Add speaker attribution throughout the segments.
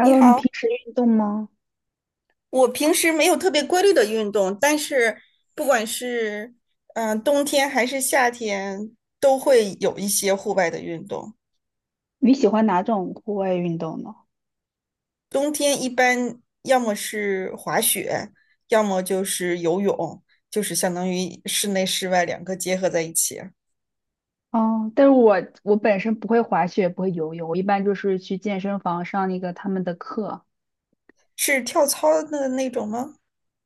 Speaker 1: 你
Speaker 2: 你
Speaker 1: 好，
Speaker 2: 平时运动吗？
Speaker 1: 我平时没有特别规律的运动，但是不管是冬天还是夏天，都会有一些户外的运动。
Speaker 2: 你喜欢哪种户外运动呢？
Speaker 1: 冬天一般要么是滑雪，要么就是游泳，就是相当于室内室外两个结合在一起。
Speaker 2: 哦，但是我本身不会滑雪，不会游泳，我一般就是去健身房上那个他们的课，
Speaker 1: 是跳操的那种吗？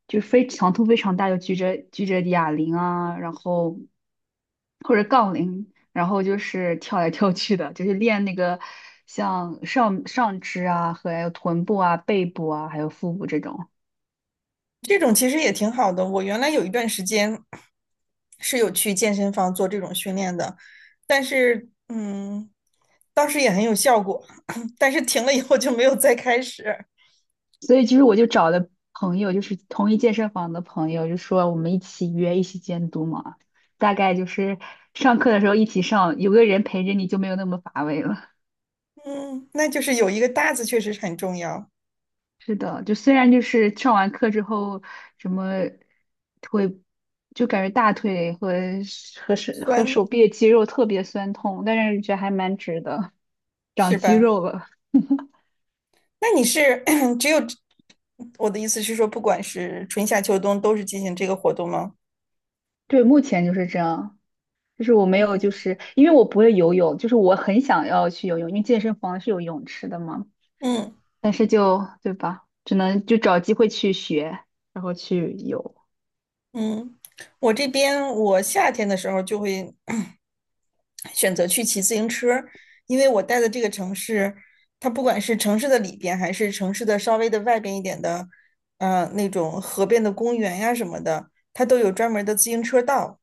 Speaker 2: 就非强度非常大，就举着哑铃啊，然后或者杠铃，然后就是跳来跳去的，就是练那个像上肢啊和还有臀部啊、背部啊还有腹部这种。
Speaker 1: 这种其实也挺好的。我原来有一段时间是有去健身房做这种训练的，但是当时也很有效果，但是停了以后就没有再开始。
Speaker 2: 所以就是我就找的朋友，就是同一健身房的朋友，就说我们一起约，一起监督嘛。大概就是上课的时候一起上，有个人陪着你就没有那么乏味了。
Speaker 1: 嗯，那就是有一个搭子确实是很重要，
Speaker 2: 是的，就虽然就是上完课之后，什么会就感觉大腿和手和
Speaker 1: 酸
Speaker 2: 手臂的肌肉特别酸痛，但是觉得还蛮值的，长
Speaker 1: 是
Speaker 2: 肌
Speaker 1: 吧？
Speaker 2: 肉了。
Speaker 1: 那你是 只有我的意思是说，不管是春夏秋冬都是进行这个活动吗？
Speaker 2: 对，目前就是这样。就是我没有，就是因为我不会游泳，就是我很想要去游泳，因为健身房是有泳池的嘛，
Speaker 1: 嗯。
Speaker 2: 但是就，对吧，只能就找机会去学，然后去游。
Speaker 1: 嗯，我这边我夏天的时候就会 选择去骑自行车，因为我待的这个城市，它不管是城市的里边，还是城市的稍微的外边一点的，那种河边的公园呀什么的，它都有专门的自行车道。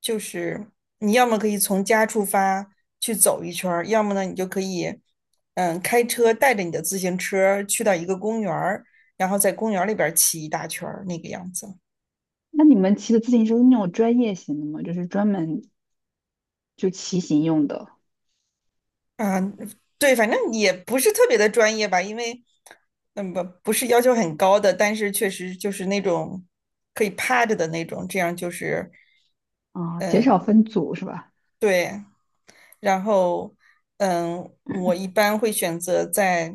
Speaker 1: 就是你要么可以从家出发去走一圈儿，要么呢你就可以，开车带着你的自行车去到一个公园儿，然后在公园儿里边儿骑一大圈儿那个样子。
Speaker 2: 那你们骑的自行车是那种专业型的吗？就是专门就骑行用的
Speaker 1: 啊，对，反正也不是特别的专业吧，因为，不是要求很高的，但是确实就是那种可以趴着的那种，这样就是，
Speaker 2: 啊，减少
Speaker 1: 嗯，
Speaker 2: 分组是吧？
Speaker 1: 对，然后，我一般会选择在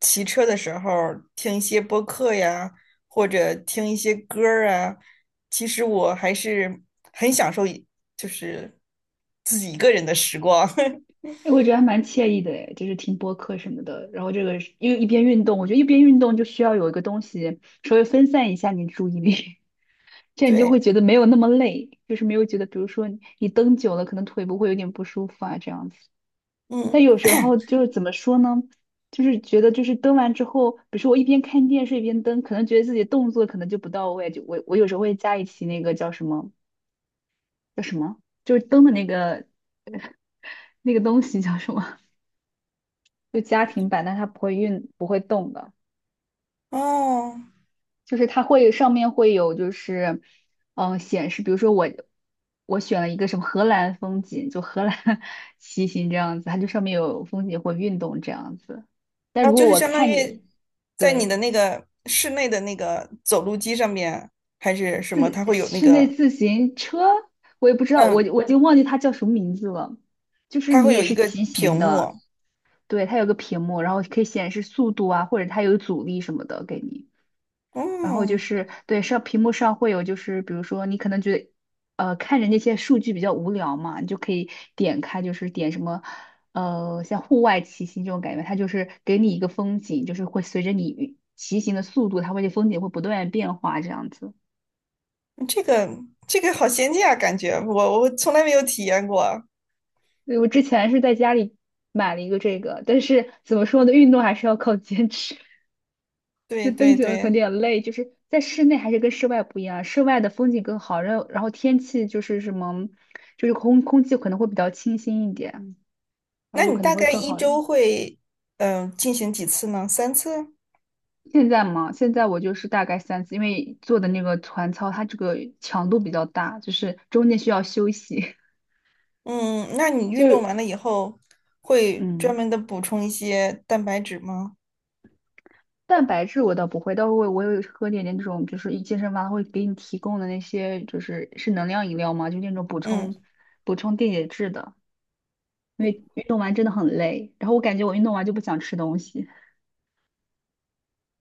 Speaker 1: 骑车的时候儿听一些播客呀，或者听一些歌儿啊。其实我还是很享受一就是自己一个人的时光。
Speaker 2: 哎，我觉得还蛮惬意的诶，就是听播客什么的，然后这个是又一边运动，我觉得一边运动就需要有一个东西稍微分散一下你的注意力。这样你就
Speaker 1: 对，
Speaker 2: 会觉得没有那么累，就是没有觉得，比如说你蹬久了，可能腿部会有点不舒服啊，这样子。
Speaker 1: 嗯，
Speaker 2: 但有时候就是怎么说呢，就是觉得就是蹬完之后，比如说我一边看电视一边蹬，可能觉得自己动作可能就不到位，就我有时候会加一期那个叫什么叫什么，就是蹬的那个那个东西叫什么，就家庭版，但它不会运不会动的。
Speaker 1: 哦。
Speaker 2: 就是它会上面会有就是，显示，比如说我选了一个什么荷兰风景，就荷兰 骑行这样子，它就上面有风景或运动这样子。但
Speaker 1: 啊，
Speaker 2: 如
Speaker 1: 就
Speaker 2: 果
Speaker 1: 是
Speaker 2: 我
Speaker 1: 相当
Speaker 2: 看着，
Speaker 1: 于在你的
Speaker 2: 对，
Speaker 1: 那个室内的那个走路机上面，还是什么？
Speaker 2: 自
Speaker 1: 它会有那
Speaker 2: 室内
Speaker 1: 个，
Speaker 2: 自行车，我也不知道，我
Speaker 1: 嗯，
Speaker 2: 我已经忘记它叫什么名字了。就是
Speaker 1: 它
Speaker 2: 你
Speaker 1: 会
Speaker 2: 也
Speaker 1: 有一
Speaker 2: 是
Speaker 1: 个
Speaker 2: 骑
Speaker 1: 屏
Speaker 2: 行
Speaker 1: 幕。
Speaker 2: 的，对，它有个屏幕，然后可以显示速度啊，或者它有阻力什么的给你。然后就
Speaker 1: 嗯，
Speaker 2: 是对上屏幕上会有，就是比如说你可能觉得，看着那些数据比较无聊嘛，你就可以点开，就是点什么，像户外骑行这种感觉，它就是给你一个风景，就是会随着你骑行的速度，它会这风景会不断地变化这样子。
Speaker 1: 这个这个好先进啊，感觉我从来没有体验过。
Speaker 2: 对，我之前是在家里买了一个这个，但是怎么说呢，运动还是要靠坚持。就
Speaker 1: 对
Speaker 2: 登
Speaker 1: 对
Speaker 2: 顶可能有
Speaker 1: 对，
Speaker 2: 点累，就是在室内还是跟室外不一样，室外的风景更好，然后天气就是什么，就是空气可能会比较清新一点，然后
Speaker 1: 那
Speaker 2: 就
Speaker 1: 你
Speaker 2: 可
Speaker 1: 大
Speaker 2: 能会
Speaker 1: 概
Speaker 2: 更
Speaker 1: 一
Speaker 2: 好一
Speaker 1: 周
Speaker 2: 点。
Speaker 1: 会进行几次呢？三次？
Speaker 2: 现在嘛，现在我就是大概三次，因为做的那个团操，它这个强度比较大，就是中间需要休息，
Speaker 1: 嗯，那你 运动
Speaker 2: 就
Speaker 1: 完了以后会专
Speaker 2: 嗯，
Speaker 1: 门的补充一些蛋白质吗？
Speaker 2: 蛋白质我倒不会，但我有喝点这种，就是一健身房会给你提供的那些，就是是能量饮料嘛，就那种补
Speaker 1: 嗯。
Speaker 2: 充补充电解质的。因为运动完真的很累，然后我感觉我运动完就不想吃东西，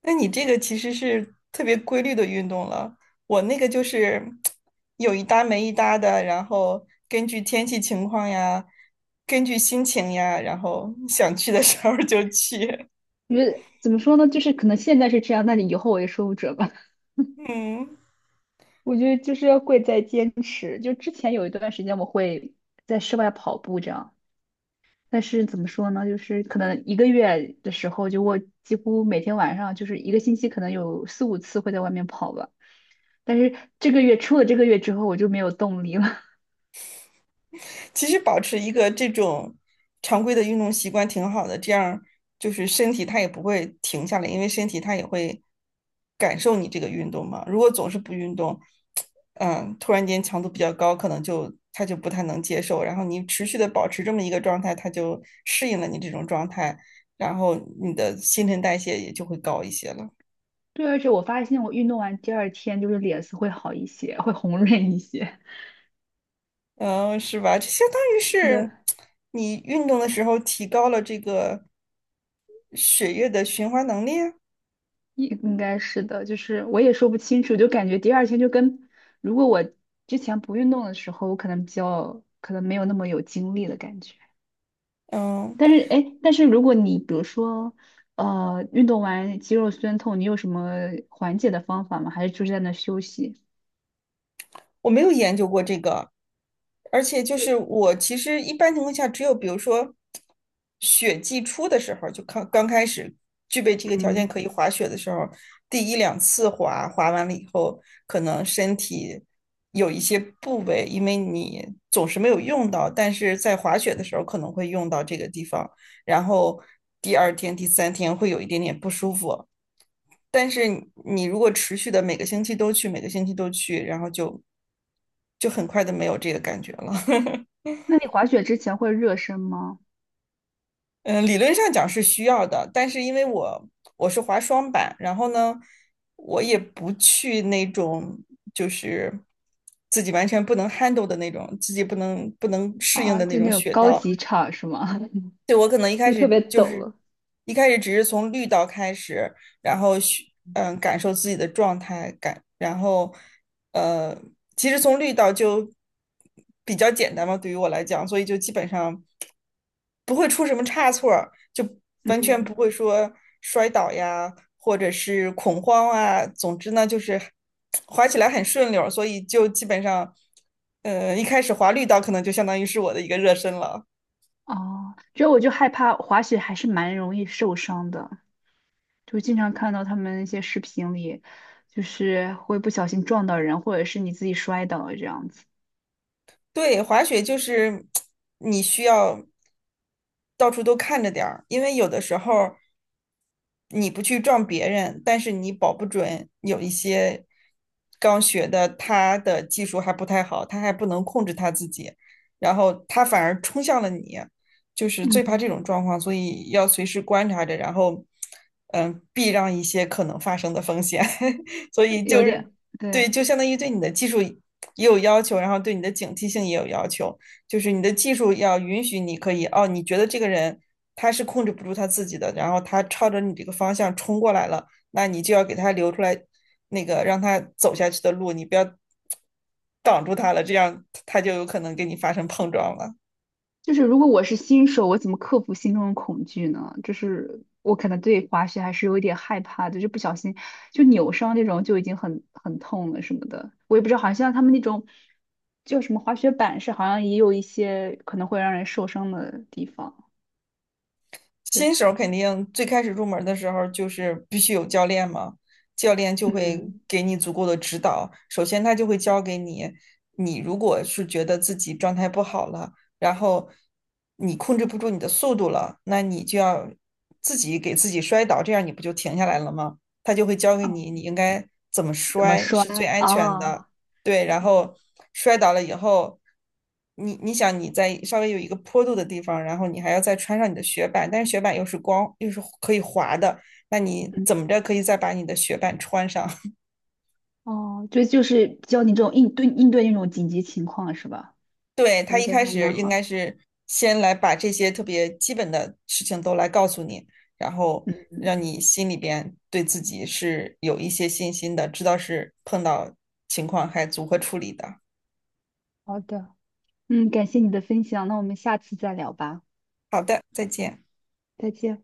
Speaker 1: 那你这个其实是特别规律的运动了，我那个就是有一搭没一搭的，然后根据天气情况呀，根据心情呀，然后想去的时候就去。
Speaker 2: 因为怎么说呢，就是可能现在是这样，那你以后我也说不准吧。
Speaker 1: 嗯，
Speaker 2: 我觉得就是要贵在坚持，就之前有一段时间我会在室外跑步这样，但是怎么说呢，就是可能一个月的时候，就我几乎每天晚上就是一个星期可能有四五次会在外面跑吧。但是这个月出了这个月之后，我就没有动力了。
Speaker 1: 其实保持一个这种常规的运动习惯挺好的，这样就是身体它也不会停下来，因为身体它也会感受你这个运动嘛。如果总是不运动，突然间强度比较高，可能就它就不太能接受。然后你持续的保持这么一个状态，它就适应了你这种状态，然后你的新陈代谢也就会高一些了。
Speaker 2: 对，而且我发现我运动完第二天就是脸色会好一些，会红润一些。
Speaker 1: 嗯，是吧？就相当于
Speaker 2: 是
Speaker 1: 是
Speaker 2: 的。
Speaker 1: 你运动的时候提高了这个血液的循环能力啊。
Speaker 2: 应该是的，就是我也说不清楚，就感觉第二天就跟如果我之前不运动的时候，我可能比较可能没有那么有精力的感觉。
Speaker 1: 嗯，
Speaker 2: 但是哎，诶但是如果你比如说运动完肌肉酸痛，你有什么缓解的方法吗？还是就是在那休息？
Speaker 1: 我没有研究过这个，而且就是
Speaker 2: 对，
Speaker 1: 我其实一般情况下，只有比如说雪季初的时候，就刚刚开始具备这个条件
Speaker 2: 嗯，
Speaker 1: 可以滑雪的时候，第一两次滑，滑完了以后，可能身体有一些部位，因为你总是没有用到，但是在滑雪的时候可能会用到这个地方，然后第二天、第三天会有一点点不舒服。但是你如果持续的每个星期都去，每个星期都去，然后很快的没有这个感觉了。
Speaker 2: 那你滑雪之前会热身吗？
Speaker 1: 嗯，理论上讲是需要的，但是因为我是滑双板，然后呢，我也不去那种就是自己完全不能 handle 的那种，自己不能适应
Speaker 2: 啊，
Speaker 1: 的
Speaker 2: 就
Speaker 1: 那
Speaker 2: 那
Speaker 1: 种
Speaker 2: 种
Speaker 1: 雪
Speaker 2: 高
Speaker 1: 道，
Speaker 2: 级场是吗？
Speaker 1: 对，我可能一 开
Speaker 2: 就特
Speaker 1: 始
Speaker 2: 别
Speaker 1: 就
Speaker 2: 陡
Speaker 1: 是
Speaker 2: 了
Speaker 1: 一开始只是从绿道开始，然后去嗯感受自己的状态感，然后呃，其实从绿道就比较简单嘛，对于我来讲，所以就基本上不会出什么差错儿，就完全不
Speaker 2: 嗯，
Speaker 1: 会说摔倒呀，或者是恐慌啊，总之呢就是滑起来很顺溜儿，所以就基本上一开始滑绿道可能就相当于是我的一个热身了。
Speaker 2: 哦，主要我就害怕滑雪还是蛮容易受伤的。就经常看到他们一些视频里，就是会不小心撞到人，或者是你自己摔倒了这样子。
Speaker 1: 对，滑雪就是你需要到处都看着点儿，因为有的时候。你不去撞别人，但是你保不准有一些刚学的，他的技术还不太好，他还不能控制他自己，然后他反而冲向了你，就是最怕
Speaker 2: 嗯，
Speaker 1: 这种状况，所以要随时观察着，然后避让一些可能发生的风险，所以
Speaker 2: 有
Speaker 1: 就是
Speaker 2: 点，
Speaker 1: 对，
Speaker 2: 对，
Speaker 1: 就相当于对你的技术也有要求，然后对你的警惕性也有要求。就是你的技术要允许你可以哦，你觉得这个人他是控制不住他自己的，然后他朝着你这个方向冲过来了，那你就要给他留出来那个让他走下去的路，你不要挡住他了，这样他就有可能跟你发生碰撞了。
Speaker 2: 就是如果我是新手，我怎么克服心中的恐惧呢？就是我可能对滑雪还是有一点害怕的，就不小心就扭伤那种就已经很痛了什么的。我也不知道，好像他们那种叫什么滑雪板是好像也有一些可能会让人受伤的地方。对，
Speaker 1: 新手肯定最开始入门的时候就是必须有教练嘛，教练就会
Speaker 2: 嗯，
Speaker 1: 给你足够的指导。首先，他就会教给你，你如果是觉得自己状态不好了，然后你控制不住你的速度了，那你就要自己给自己摔倒，这样你不就停下来了吗？他就会教给
Speaker 2: 啊，
Speaker 1: 你，你应该怎么
Speaker 2: 怎么
Speaker 1: 摔
Speaker 2: 摔
Speaker 1: 是最安全的。
Speaker 2: 啊？
Speaker 1: 对，然
Speaker 2: 对
Speaker 1: 后摔倒了以后，你你想你在稍微有一个坡度的地方，然后你还要再穿上你的雪板，但是雪板又是光又是可以滑的，那你
Speaker 2: 嗯。
Speaker 1: 怎么着可以再把你的雪板穿上？
Speaker 2: 哦，对，就是教你这种应对那种紧急情况是吧？
Speaker 1: 对，
Speaker 2: 我
Speaker 1: 他
Speaker 2: 觉
Speaker 1: 一
Speaker 2: 得
Speaker 1: 开
Speaker 2: 还
Speaker 1: 始
Speaker 2: 蛮
Speaker 1: 应
Speaker 2: 好的。
Speaker 1: 该是先来把这些特别基本的事情都来告诉你，然后
Speaker 2: 嗯，
Speaker 1: 让你心里边对自己是有一些信心的，知道是碰到情况还如何处理的。
Speaker 2: 好的，嗯，感谢你的分享，那我们下次再聊吧，
Speaker 1: 好的，再见。
Speaker 2: 再见。